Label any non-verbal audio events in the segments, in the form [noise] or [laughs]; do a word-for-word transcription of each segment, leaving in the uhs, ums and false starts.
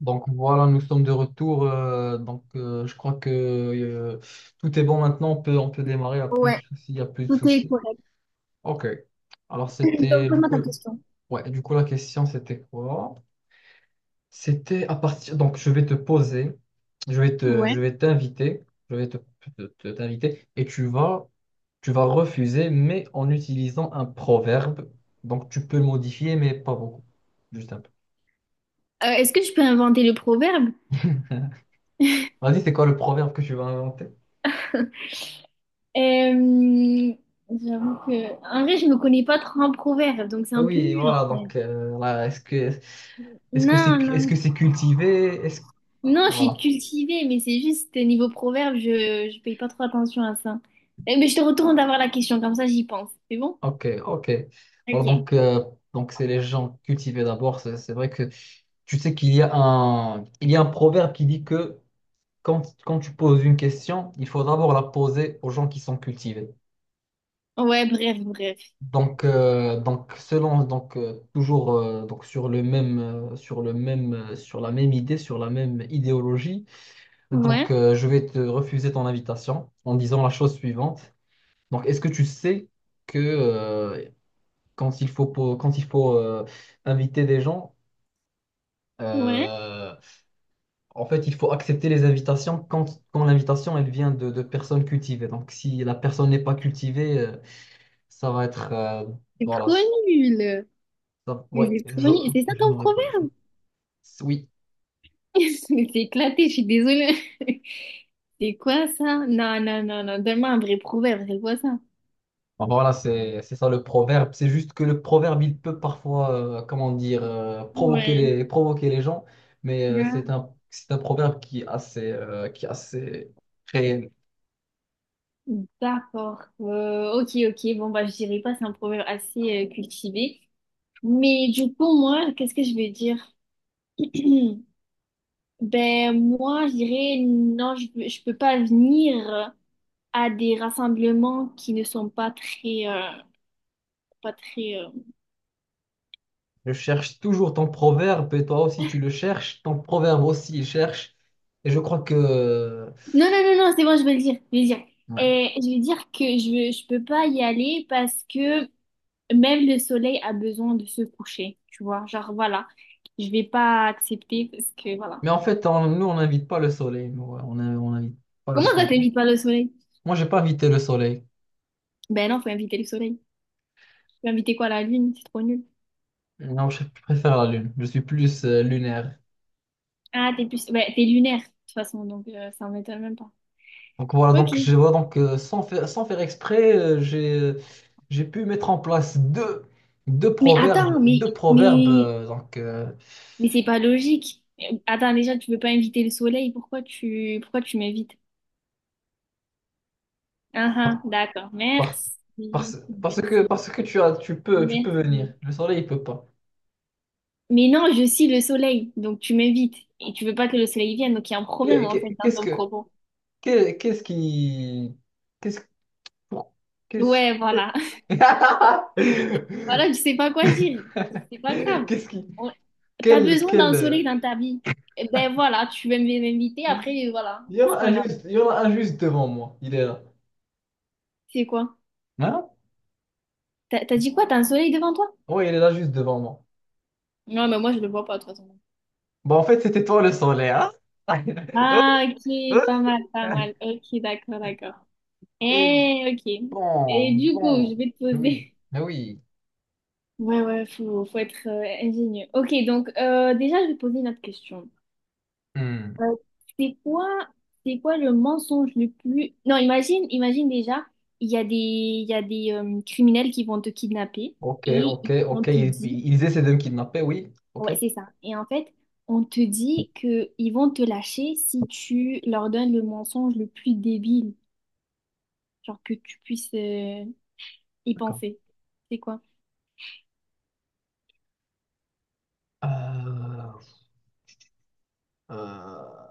Donc voilà, nous sommes de retour. Euh, donc euh, je crois que euh, tout est bon maintenant. On peut, on peut démarrer. Il n'y a plus de Ouais, soucis. Il n'y a plus de tout est soucis. correct. OK. Alors [clears throat] Donc, c'était du pose-moi coup, ta question. ouais, du coup la question c'était quoi? C'était à partir. Donc je vais te poser. Je vais te, je Ouais. vais t'inviter. Je vais te, te- te- t'inviter et tu vas, tu vas refuser, mais en utilisant un proverbe. Donc tu peux le modifier, mais pas beaucoup. Juste un peu. Euh, est-ce que je peux inventer le proverbe? [laughs] Vas-y, c'est quoi le proverbe que tu vas inventer? Euh, J'avoue que... En vrai, je me connais pas trop en proverbe, donc c'est un peu Oui, nul voilà, en fait. donc euh, là, est-ce que est-ce que c'est Non, non. est-ce que c'est cultivé? Est-ce Non, je suis voilà. cultivée, mais c'est juste euh, niveau proverbe, je, je paye pas trop attention à ça. Eh, mais je te retourne d'avoir la question, comme ça j'y pense. C'est bon? OK, OK. Voilà, Ok. donc euh, donc c'est les gens cultivés d'abord, c'est c'est vrai que tu sais qu'il y a un il y a un proverbe qui dit que quand quand tu poses une question, il faut d'abord la poser aux gens qui sont cultivés. Ouais, bref, bref. Donc euh, donc selon donc euh, toujours euh, donc sur le même euh, sur le même euh, sur la même idée, sur la même idéologie. Donc, Ouais, euh, je vais te refuser ton invitation en disant la chose suivante. Donc, est-ce que tu sais que euh, quand il faut, po- quand il faut euh, inviter des gens, ouais. euh, en fait, il faut accepter les invitations quand, quand l'invitation, elle vient de, de personnes cultivées. Donc, si la personne n'est pas cultivée, euh, ça va être... euh, C'est voilà. trop nul. ça- Mais ouais, c'est trop je, nul. C'est ça je ton n'aurai pas le proverbe? choix. Oui. [laughs] C'est éclaté, je suis désolée. [laughs] C'est quoi ça? Non, non, non, non. Donne-moi un vrai proverbe, c'est quoi ça? Bon, voilà, c'est c'est ça le proverbe. C'est juste que le proverbe, il peut parfois, euh, comment dire, euh, provoquer Ouais. les, provoquer les gens, mais euh, Ouais. c'est un, c'est un proverbe qui est assez, euh, qui est assez réel. D'accord. Euh, ok, ok. Bon, bah, je dirais pas, c'est un proverbe assez euh, cultivé. Mais du coup, moi, qu'est-ce que je vais dire? [clears throat] Ben, moi, je dirais, non, je, peux- je peux pas venir à des rassemblements qui ne sont pas très, euh, pas très, euh, Je cherche toujours ton proverbe et toi aussi tu le cherches, ton proverbe aussi il cherche. Et je crois que... euh, Non, non, non, non, c'est bon, je vais le dire. Je vais le dire. ouais. Et je vais dire que je, je peux pas y aller parce que même le soleil a besoin de se coucher, tu vois. Genre, voilà, je vais pas accepter parce que, voilà. Mais en fait, on- nous, on n'invite pas le soleil. Nous, ouais, on n'invite on n'invite pas le Comment ça soleil. t'évite pas le soleil? Moi, j'ai pas invité le soleil. Ben non, faut inviter le soleil. Tu veux inviter quoi, la lune? C'est trop nul. Non, je préfère la lune. Je suis plus euh, lunaire. Ah, t'es plus... ben, t'es lunaire, de toute façon, donc euh, ça m'étonne même pas. Donc voilà, Ok. donc je vois donc euh, sans faire, sans faire exprès, euh, j'ai j'ai pu mettre en place deux, deux Mais proverbes, attends, mais, deux proverbes mais, euh, donc euh, mais c'est pas logique. Euh, Attends, déjà, tu veux pas inviter le soleil, pourquoi tu, pourquoi tu m'invites? Ah par- ah, d'accord, par- merci, Parce, parce que merci, parce que tu as tu peux tu peux merci. venir, le soleil il peut pas. Mais non, je suis le soleil, donc tu m'évites. Et tu veux pas que le soleil vienne, donc il y a un problème Qu'est- en fait qu'est- dans Qu'est-ce ton que propos. qu'est- qu'est-ce qui qu'est-ce pour- qu'est-ce Ouais, que- voilà. [laughs] Voilà, [laughs] tu sais pas quoi dire. C'est pas grave. qu'est-ce qui On- T'as quel besoin quel d'un euh, soleil dans ta vie. Eh ben voilà, tu veux m'inviter, après, voilà. il y en C'est a un pas grave. juste il y en a un juste devant moi, il est là. C'est quoi? Hein? T'as t'as dit quoi? T'as un soleil devant toi? Oui, il est là juste devant moi. Non, mais moi, je le vois pas, de toute façon. Bon, en fait, c'était toi le soleil, hein? Ah, ok, pas [laughs] mal, pas mal. Ok, d'accord, d'accord. Et Eh, ok. bon, Et du coup, bon, je vais te oui, poser. oui. Ouais, ouais, faut, faut être euh, ingénieux. Ok, donc euh, déjà, je vais poser une autre question. Hmm. Euh, c'est quoi, c'est quoi le mensonge le plus... Non, imagine, imagine déjà, il y a des, il y a des euh, criminels qui vont te kidnapper Ok, et ok, ils- on ok. te Ils, dit... ils essaient de me kidnapper, oui. Ok, Ouais, c'est ça. Et en fait, on te dit que ils vont te lâcher si tu leur donnes le mensonge le plus débile, genre que tu puisses euh, y d'accord. penser. C'est quoi? Euh, euh,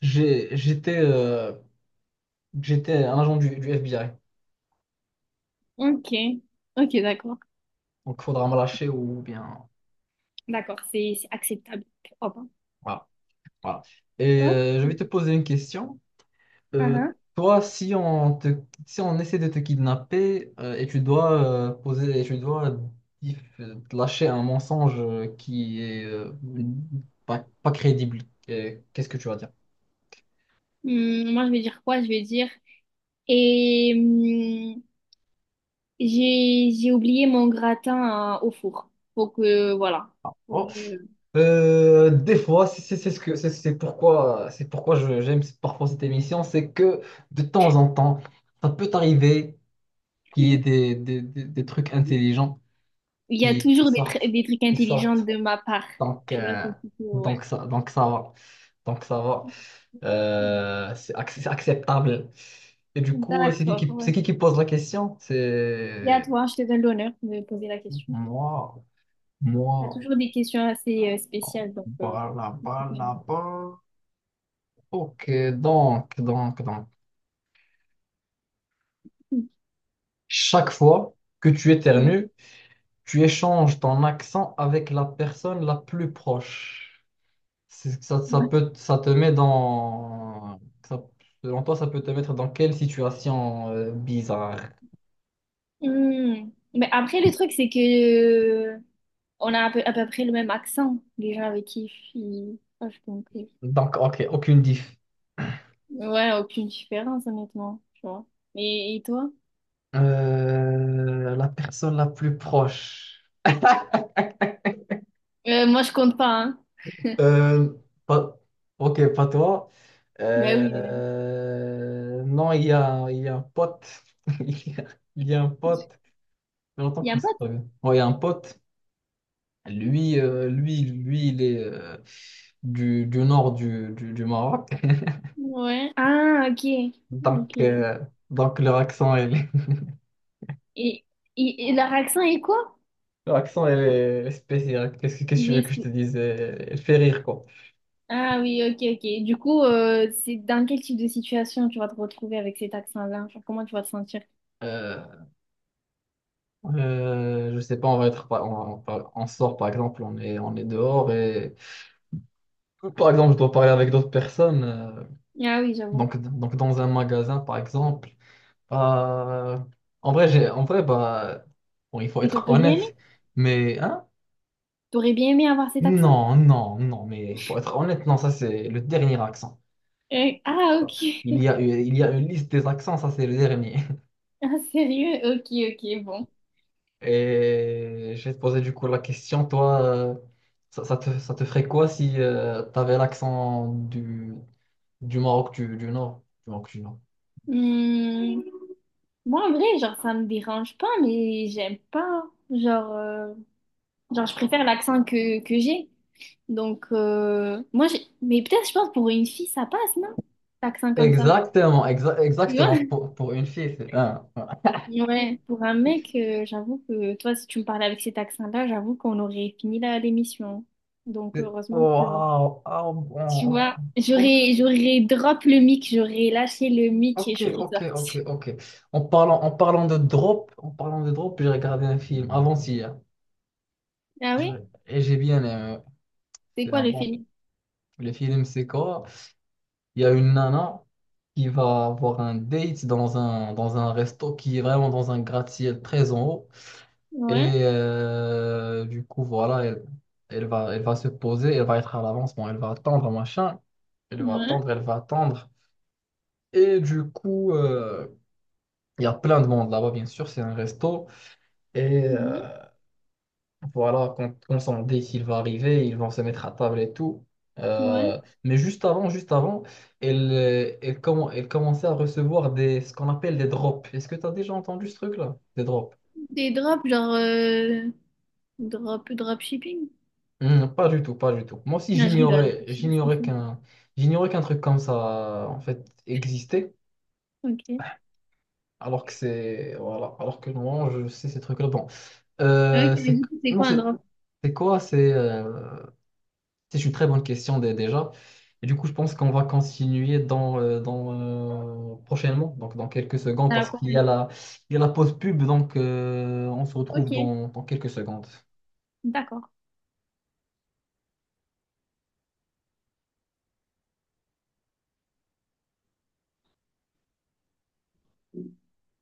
j'ai- j'étais euh, j'étais un agent du, du F B I. Ok, ok, d'accord. Donc, faudra me lâcher ou bien. D'accord, c'est c'est acceptable. Voilà, voilà. Et Hop. euh, je vais te poser une question. Ah, Euh, ah. toi, si on te, si on essaie de te kidnapper euh, et tu dois euh, poser, et tu dois dif- euh, lâcher un mensonge euh, qui est euh, pas, pas crédible, euh, qu'est-ce que tu vas dire? Hum, moi, je vais dire quoi? Je vais dire. Et hum, j'ai j'ai oublié mon gratin euh, au four. Faut que voilà. Faut que Oh, je- euh, des fois, c'est c'est- c'est ce que, c'est c'est pourquoi c'est pourquoi je- j'aime parfois cette émission, c'est que de temps en temps, ça peut arriver qu'il y ait Il des, des, des- des trucs intelligents y a qui, qui toujours des, tr- sortent, des trucs qui intelligents sortent. de ma part. Donc, Tu vois, euh, c'est plutôt ouais. donc ça, donc ça va. Donc ça va. Euh, c'est ac- c'est acceptable. Et du coup, euh, c'est qui D'accord, qui, c'est ouais. qui qui pose la question? Et à C'est toi, je te donne l'honneur de poser la question. moi, Tu as moi, toujours des questions assez euh, spéciales, donc. euh, voilà, voilà, voilà. Ok, donc, donc, donc. Chaque fois que tu éternues, tu échanges ton accent avec la personne la plus proche. C'est- Ça, ça Ouais. peut, ça te met dans... ça- selon toi, ça peut te mettre dans quelle situation euh, bizarre? Hmm. Mais après, le truc, c'est que euh, on a à peu, à peu près le même accent, les gens avec qui ils- Ah, je compris. Donc, ok, aucune diff. Ouais, aucune différence, honnêtement, tu vois. Et, et toi? Euh, la personne la plus proche. Euh, moi, je compte pas, hein. Euh, pas- ok, pas toi. Ben oui. Euh, non, il y a, il y a un pote. [laughs] Il y a, il y a un pote. Ça fait longtemps Il y a qu'on pas s'est pas vu. Ouais, il y a un pote. Lui, euh, lui, lui, il est euh, du, du nord du, du, du Maroc. [laughs] de... Ouais. Ah, ok. Donc, Ok. euh, donc leur accent, elle est, Et, et, et leur accent est quoi? [laughs] leur accent, elle est spéciale. Qu'est-ce que qu'est-ce que Il tu veux que je est- te dise? Elle elle fait rire, quoi. Ah oui, ok, ok. Du coup, euh, c'est dans quel type de situation tu vas te retrouver avec cet accent-là? Genre, comment tu vas te sentir? Euh, Euh, je sais pas, on va être, par- on, on- on sort par exemple, on est, on est dehors et par exemple, je dois parler avec d'autres personnes. euh, Ah oui, j'avoue. donc, donc dans un magasin par exemple, Euh, en vrai, j'ai, en vrai, bah, bon, il faut Et être t'aurais bien aimé honnête, mais hein? t'aurais bien aimé avoir cet accent? Non, non, non, mais il faut être honnête, non, ça c'est le dernier accent. Euh, ah, Il ok. y [laughs] a, il y a une liste des accents, ça c'est le dernier. Ah, sérieux? Ok, ok, bon. Et je vais te poser du coup la question, toi, euh, ça, ça te, ça te ferait quoi si tu avais l'accent du, du Maroc du, du Nord? Du Maroc du Nord. Hmm, moi, en vrai, genre, ça me dérange pas, mais j'aime pas. Genre, euh, genre, je préfère l'accent que, que j'ai. Donc, euh, moi, j'ai... Mais peut-être, je pense, pour une fille, ça passe, non? L'accent comme ça. Exactement, exa- Tu vois? exactement, pour, pour une fille. C'est- ah, ah. [laughs] Ouais, pour un mec, euh, j'avoue que toi, si tu me parlais avec cet accent-là, j'avoue qu'on aurait fini la l'émission. Donc, C'est- heureusement que... Waouh, ah, Tu bon, vois, ok, j'aurais, j'aurais drop le mic, j'aurais lâché le mic et ok, je serais ok, ok, sortie. ok. En parlant, en parlant de drop, en parlant de drop, j'ai regardé un film avant-hier. Ah J'ai- oui? et j'ai bien aimé. C'est C'est quoi un le bon film. film? Le film, c'est quoi? Il y a une nana qui va avoir un date dans un, dans un resto qui est vraiment dans un gratte-ciel très en haut. Ouais, Et euh, du coup, voilà, elle, elle va, elle va se poser, elle va être à l'avance, bon, elle va attendre, machin. Elle va ouais, attendre, elle va attendre. Et du coup, euh, il y a plein de monde là-bas, bien sûr, c'est un resto. Et mhm, euh, voilà, quand, quand Sandy, s'il va arriver, ils vont se mettre à table et tout. ouais. Euh, mais juste avant, juste avant, elle, euh, elle, commen- elle commençait à recevoir des, ce qu'on appelle des drops. Est-ce que tu as déjà entendu ce truc-là? Des drops. Des drops, genre, euh, drop, drop shipping? Hmm, pas du tout, pas du tout. Moi aussi, Non, je rigole, j'ignorais, je sais pas ce que j'ignorais c'est. qu'un, j'ignorais qu'un truc comme ça, en fait, existait. Ok. Alors que c'est, voilà, alors que normalement, je sais ces trucs-là. Bon, Ok, Euh, mais c'est, du coup, c'est non, quoi un c'est, drop? c'est quoi? C'est, euh, C'est une très bonne question dé- déjà. Et du coup, je pense qu'on va continuer dans, euh, dans, euh, prochainement, donc dans quelques secondes, À la parce qu'il y prochaine. a la, il y a la pause pub, donc euh, on se retrouve Ok, dans dans quelques secondes. d'accord.